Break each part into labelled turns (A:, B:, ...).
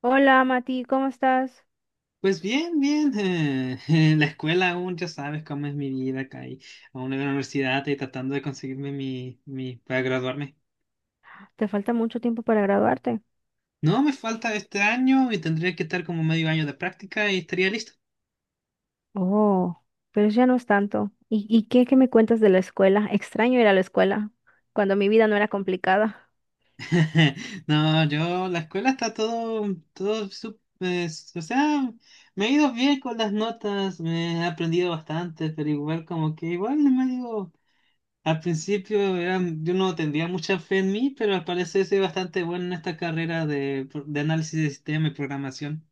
A: Hola Mati, ¿cómo estás?
B: Pues bien, bien. En la escuela aún ya sabes cómo es mi vida acá y aún en la universidad y tratando de conseguirme mi para graduarme.
A: ¿Te falta mucho tiempo para graduarte?
B: No me falta este año y tendría que estar como medio año de práctica y estaría listo.
A: Oh, pero ya no es tanto. ¿Y qué me cuentas de la escuela? Extraño ir a la escuela cuando mi vida no era complicada.
B: No, yo, la escuela está todo, todo, o sea, me he ido bien con las notas, me he aprendido bastante, pero igual como que igual no me medio. Yo no tendría mucha fe en mí, pero al parecer soy bastante bueno en esta carrera de análisis de sistema y programación.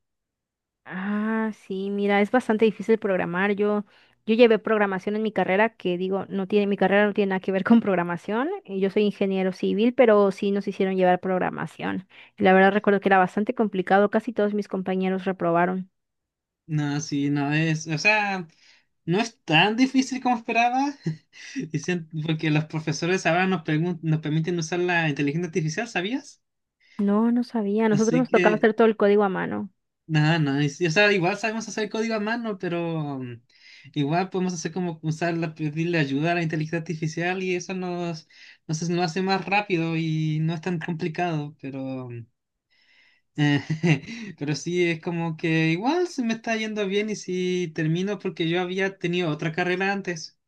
A: Ah, sí, mira, es bastante difícil programar. Yo llevé programación en mi carrera, que digo, mi carrera no tiene nada que ver con programación. Y yo soy ingeniero civil, pero sí nos hicieron llevar programación. Y la verdad recuerdo que era bastante complicado, casi todos mis compañeros reprobaron.
B: No, sí, o sea, no es tan difícil como esperaba, y porque los profesores ahora nos permiten usar la inteligencia artificial, ¿sabías?
A: No, no sabía. A nosotros
B: Así
A: nos tocaba
B: que
A: hacer todo el código a mano.
B: nada, no, es- o sea, igual sabemos hacer código a mano, pero igual podemos hacer como pedirle ayuda a la inteligencia artificial y eso nos, nos hace más rápido y no es tan complicado, pero, pero sí es como que igual se me está yendo bien y si termino, porque yo había tenido otra carrera antes.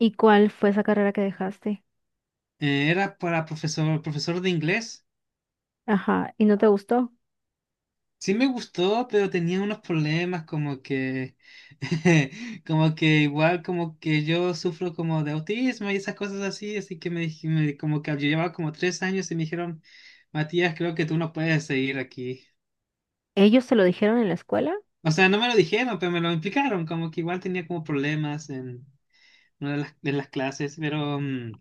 A: ¿Y cuál fue esa carrera que dejaste?
B: Era para profesor, profesor de inglés.
A: Ajá, ¿y no te gustó?
B: Sí me gustó, pero tenía unos problemas como que, como que igual como que yo sufro como de autismo y esas cosas así, así que como que yo llevaba como tres años y me dijeron, Matías, creo que tú no puedes seguir aquí.
A: ¿Ellos te lo dijeron en la escuela?
B: O sea, no me lo dijeron, pero me lo implicaron, como que igual tenía como problemas en una de las clases, pero, mm,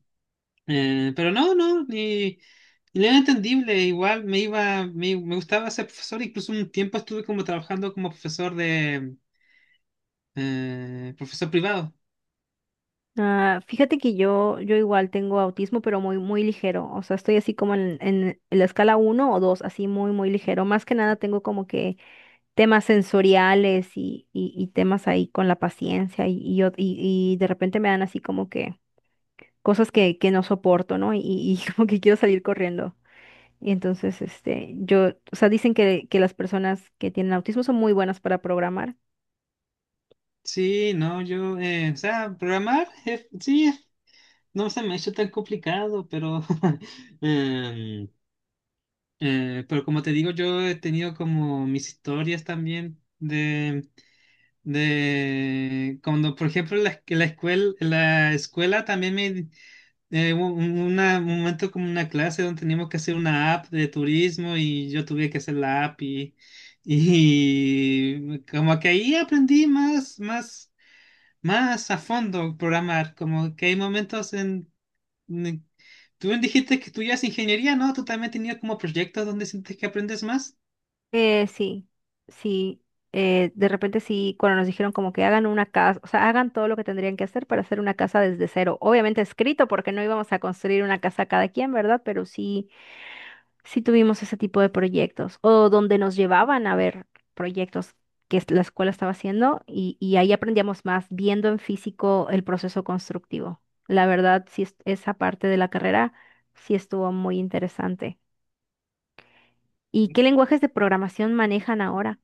B: eh, pero no, no, ni... ni era entendible, igual me iba, me gustaba ser profesor, incluso un tiempo estuve como trabajando como profesor de... profesor privado.
A: Ah, fíjate que yo igual tengo autismo, pero muy, muy ligero. O sea, estoy así como en la escala uno o 2, así muy, muy ligero. Más que nada tengo como que temas sensoriales y temas ahí con la paciencia y de repente me dan así como que cosas que no soporto, ¿no? Y como que quiero salir corriendo. Y entonces, este, yo, o sea, dicen que las personas que tienen autismo son muy buenas para programar.
B: Sí, no, yo, o sea, programar, sí, no se me ha hecho tan complicado, pero em, pero como te digo, yo he tenido como mis historias también de cuando, por ejemplo, la escuela también me... Hubo un momento como una clase donde teníamos que hacer una app de turismo y yo tuve que hacer la app y, y como que ahí aprendí más, más, más a fondo programar, como que hay momentos en... Mm, tú bien dijiste que estudias ingeniería, ¿no? ¿Tú también tenías como proyectos donde sientes que aprendes más?
A: Sí, sí. De repente sí, cuando nos dijeron como que hagan una casa, o sea, hagan todo lo que tendrían que hacer para hacer una casa desde cero. Obviamente escrito, porque no íbamos a construir una casa cada quien, ¿verdad? Pero sí, sí tuvimos ese tipo de proyectos. O donde nos llevaban a ver proyectos la escuela estaba haciendo, y ahí aprendíamos más viendo en físico el proceso constructivo. La verdad, sí, esa parte de la carrera sí estuvo muy interesante. ¿Y qué lenguajes de programación manejan ahora?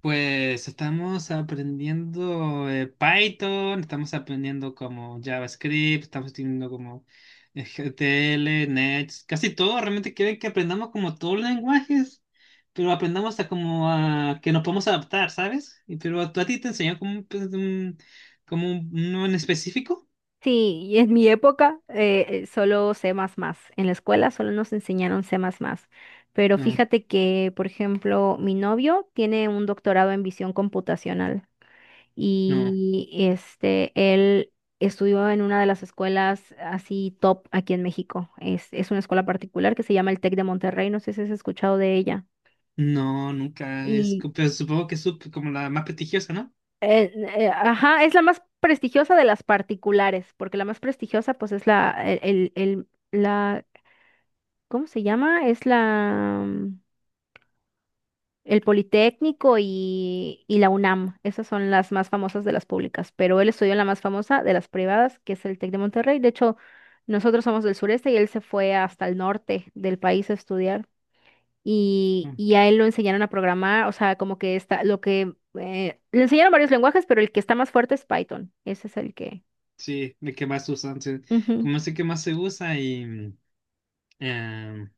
B: Pues estamos aprendiendo Python, estamos aprendiendo como JavaScript, estamos teniendo como GTL, Nets, casi todo. Realmente quieren que aprendamos como todos los lenguajes, pero aprendamos a como a que nos podemos adaptar, ¿sabes? Y, pero a, ¿tú a ti te enseñan como un, pues, como un, uno en específico?
A: Sí, y en mi época solo C++. En la escuela solo nos enseñaron C++. Pero
B: No,
A: fíjate que, por ejemplo, mi novio tiene un doctorado en visión computacional,
B: no.
A: y este, él estudió en una de las escuelas así top aquí en México. Es una escuela particular que se llama el TEC de Monterrey. No sé si has escuchado de ella.
B: No, nunca.
A: Y
B: Pero supongo que es como la más prestigiosa, ¿no?
A: ajá, es la más prestigiosa de las particulares, porque la más prestigiosa pues es la, el, el- el- la, ¿cómo se llama? Es el Politécnico y la UNAM. Esas son las más famosas de las públicas, pero él estudió en la más famosa de las privadas, que es el TEC de Monterrey. De hecho, nosotros somos del sureste y él se fue hasta el norte del país a estudiar. Y,
B: Mm.
A: y a él lo enseñaron a programar. O sea, como que le enseñaron varios lenguajes, pero el que está más fuerte es Python. Ese es el que...
B: Sí, de que más usan. Sí.
A: Ujú.
B: Como sé que más se usa y eh,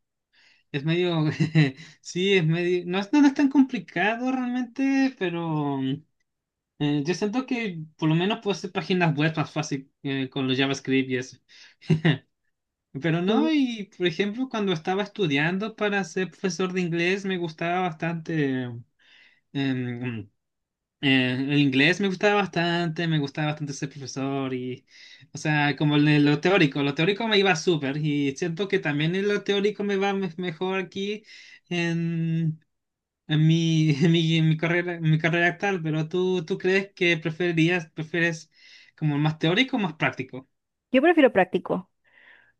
B: es medio. Sí, es medio. No es tan complicado realmente, pero yo siento que por lo menos puedo hacer páginas web más fácil con los JavaScript y eso. Pero no,
A: Sí.
B: y por ejemplo, cuando estaba estudiando para ser profesor de inglés, me gustaba bastante. em, el inglés me gustaba bastante ser profesor y, o sea, como en lo teórico me iba súper y siento que también en lo teórico me va mejor aquí en, en mi, en mi carrera actual, pero ¿tú, tú crees que prefieres como más teórico o más práctico?
A: Yo prefiero práctico.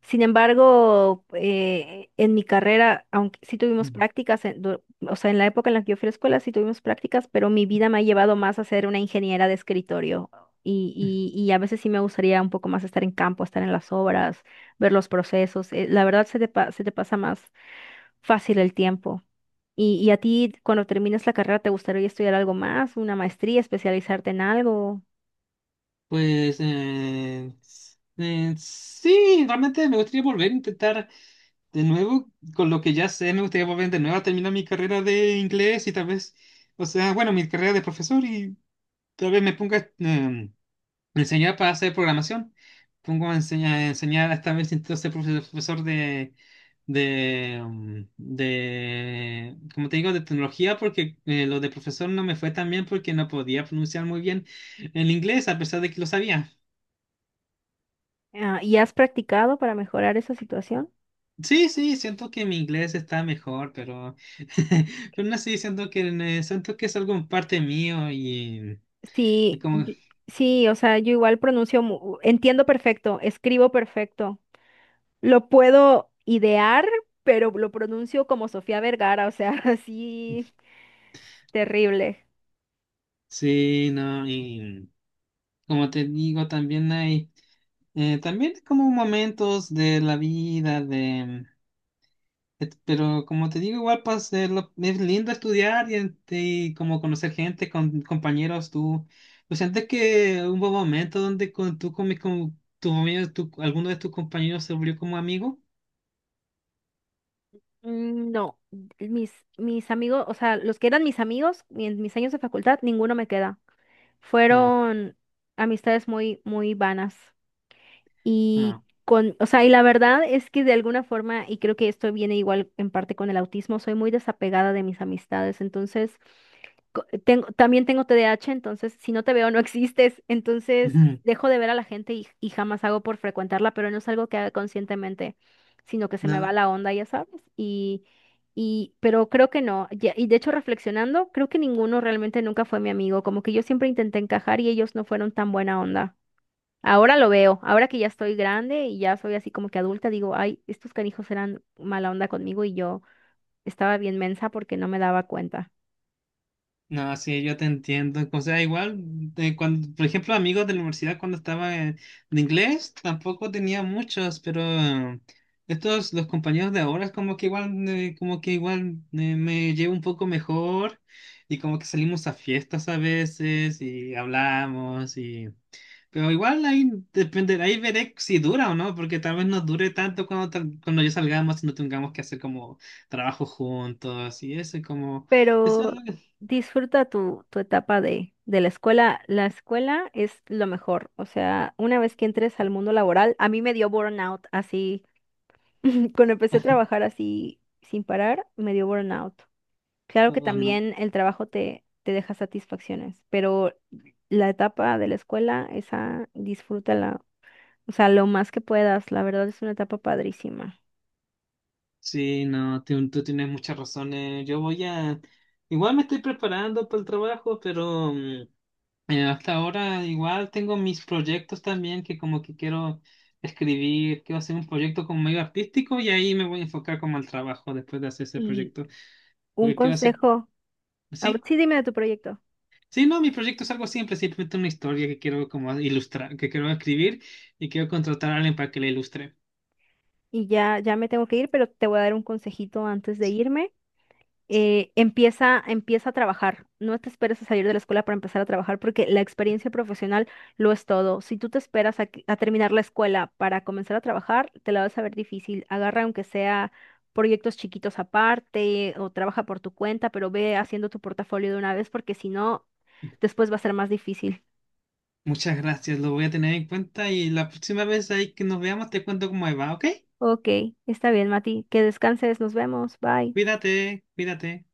A: Sin embargo, en mi carrera, aunque sí tuvimos
B: Mm.
A: prácticas, o sea, en la época en la que yo fui a la escuela sí tuvimos prácticas, pero mi vida me ha llevado más a ser una ingeniera de escritorio. Y a veces sí me gustaría un poco más estar en campo, estar en las obras, ver los procesos. La verdad se te pasa más fácil el tiempo. ¿Y a ti, cuando termines la carrera, te gustaría estudiar algo más, una maestría, especializarte en algo?
B: Pues sí, realmente me gustaría volver a intentar. De nuevo, con lo que ya sé, me gustaría volver de nuevo a terminar mi carrera de inglés y tal vez, o sea, bueno, mi carrera de profesor y tal vez me ponga a enseñar para hacer programación. Pongo a enseñar, enseñar esta vez intento ser profesor de, de, como te digo, de tecnología, porque lo de profesor no me fue tan bien porque no podía pronunciar muy bien el inglés a pesar de que lo sabía.
A: Ah, ¿y has practicado para mejorar esa situación?
B: Sí, sí, siento que mi inglés está mejor, pero, pero no sé, siento que es algo en parte mío y
A: Sí,
B: como,
A: yo- sí, o sea, yo igual pronuncio, entiendo perfecto, escribo perfecto. Lo puedo idear, pero lo pronuncio como Sofía Vergara, o sea, así terrible.
B: sí, no, y como te digo, también hay, también como momentos de la vida, de, pero como te digo, igual pues, es lindo estudiar y, y como conocer gente, con compañeros, tú, pues sientes que hubo un momento donde con, tú con, mis con tu, alguno de tus compañeros se volvió como amigo.
A: No, mis amigos, o sea, los que eran mis amigos en mis años de facultad, ninguno me queda.
B: ¿No?
A: Fueron amistades muy, muy vanas.
B: No,
A: O sea, y la verdad es que de alguna forma, y creo que esto viene igual en parte con el autismo, soy muy desapegada de mis amistades. Entonces, también tengo TDAH, entonces si no te veo no existes. Entonces dejo de ver a la gente y jamás hago por frecuentarla, pero no es algo que haga conscientemente, sino que se me
B: no,
A: va la onda, ya sabes. Y, pero creo que no. Y de hecho, reflexionando, creo que ninguno realmente nunca fue mi amigo. Como que yo siempre intenté encajar y ellos no fueron tan buena onda. Ahora lo veo, ahora que ya estoy grande y ya soy así como que adulta, digo, ay, estos canijos eran mala onda conmigo y yo estaba bien mensa porque no me daba cuenta.
B: no, sí, yo te entiendo. O sea, igual, de cuando, por ejemplo, amigos de la universidad cuando estaba en, de inglés, tampoco tenía muchos, pero estos, los compañeros de ahora, es como que igual me llevo un poco mejor y como que salimos a fiestas a veces y hablamos. Pero igual ahí dependerá, ahí veré si dura o no, porque tal vez no dure tanto cuando, cuando ya salgamos y no tengamos que hacer como trabajo juntos y eso, y como, eso es
A: Pero
B: lo que...
A: disfruta tu etapa de la escuela. La escuela es lo mejor. O sea, una vez que entres al mundo laboral, a mí me dio burnout así. Cuando empecé a trabajar así sin parar, me dio burnout. Claro que
B: Oh, no.
A: también el trabajo te deja satisfacciones, pero la etapa de la escuela, esa disfrútala. O sea, lo más que puedas. La verdad es una etapa padrísima.
B: Sí, no, tú tienes muchas razones. Yo voy a... Igual me estoy preparando para el trabajo, pero hasta ahora igual tengo mis proyectos también que como que quiero escribir, quiero hacer un proyecto como medio artístico y ahí me voy a enfocar como al trabajo después de hacer ese
A: Y
B: proyecto,
A: un
B: porque quiero hacer...
A: consejo. Ah,
B: Sí,
A: sí, dime de tu proyecto.
B: sí, no, mi proyecto es algo simple, simplemente una historia que quiero como ilustrar, que quiero escribir y quiero contratar a alguien para que la ilustre.
A: Y ya, ya me tengo que ir, pero te voy a dar un consejito antes de
B: Sí,
A: irme. Empieza a trabajar. No te esperes a salir de la escuela para empezar a trabajar, porque la experiencia profesional lo es todo. Si tú te esperas a terminar la escuela para comenzar a trabajar, te la vas a ver difícil. Agarra aunque sea proyectos chiquitos aparte o trabaja por tu cuenta, pero ve haciendo tu portafolio de una vez, porque si no, después va a ser más difícil.
B: muchas gracias, lo voy a tener en cuenta y la próxima vez ahí que nos veamos te cuento cómo me va, ¿ok?
A: Ok, está bien, Mati. Que descanses. Nos vemos. Bye.
B: Cuídate, cuídate.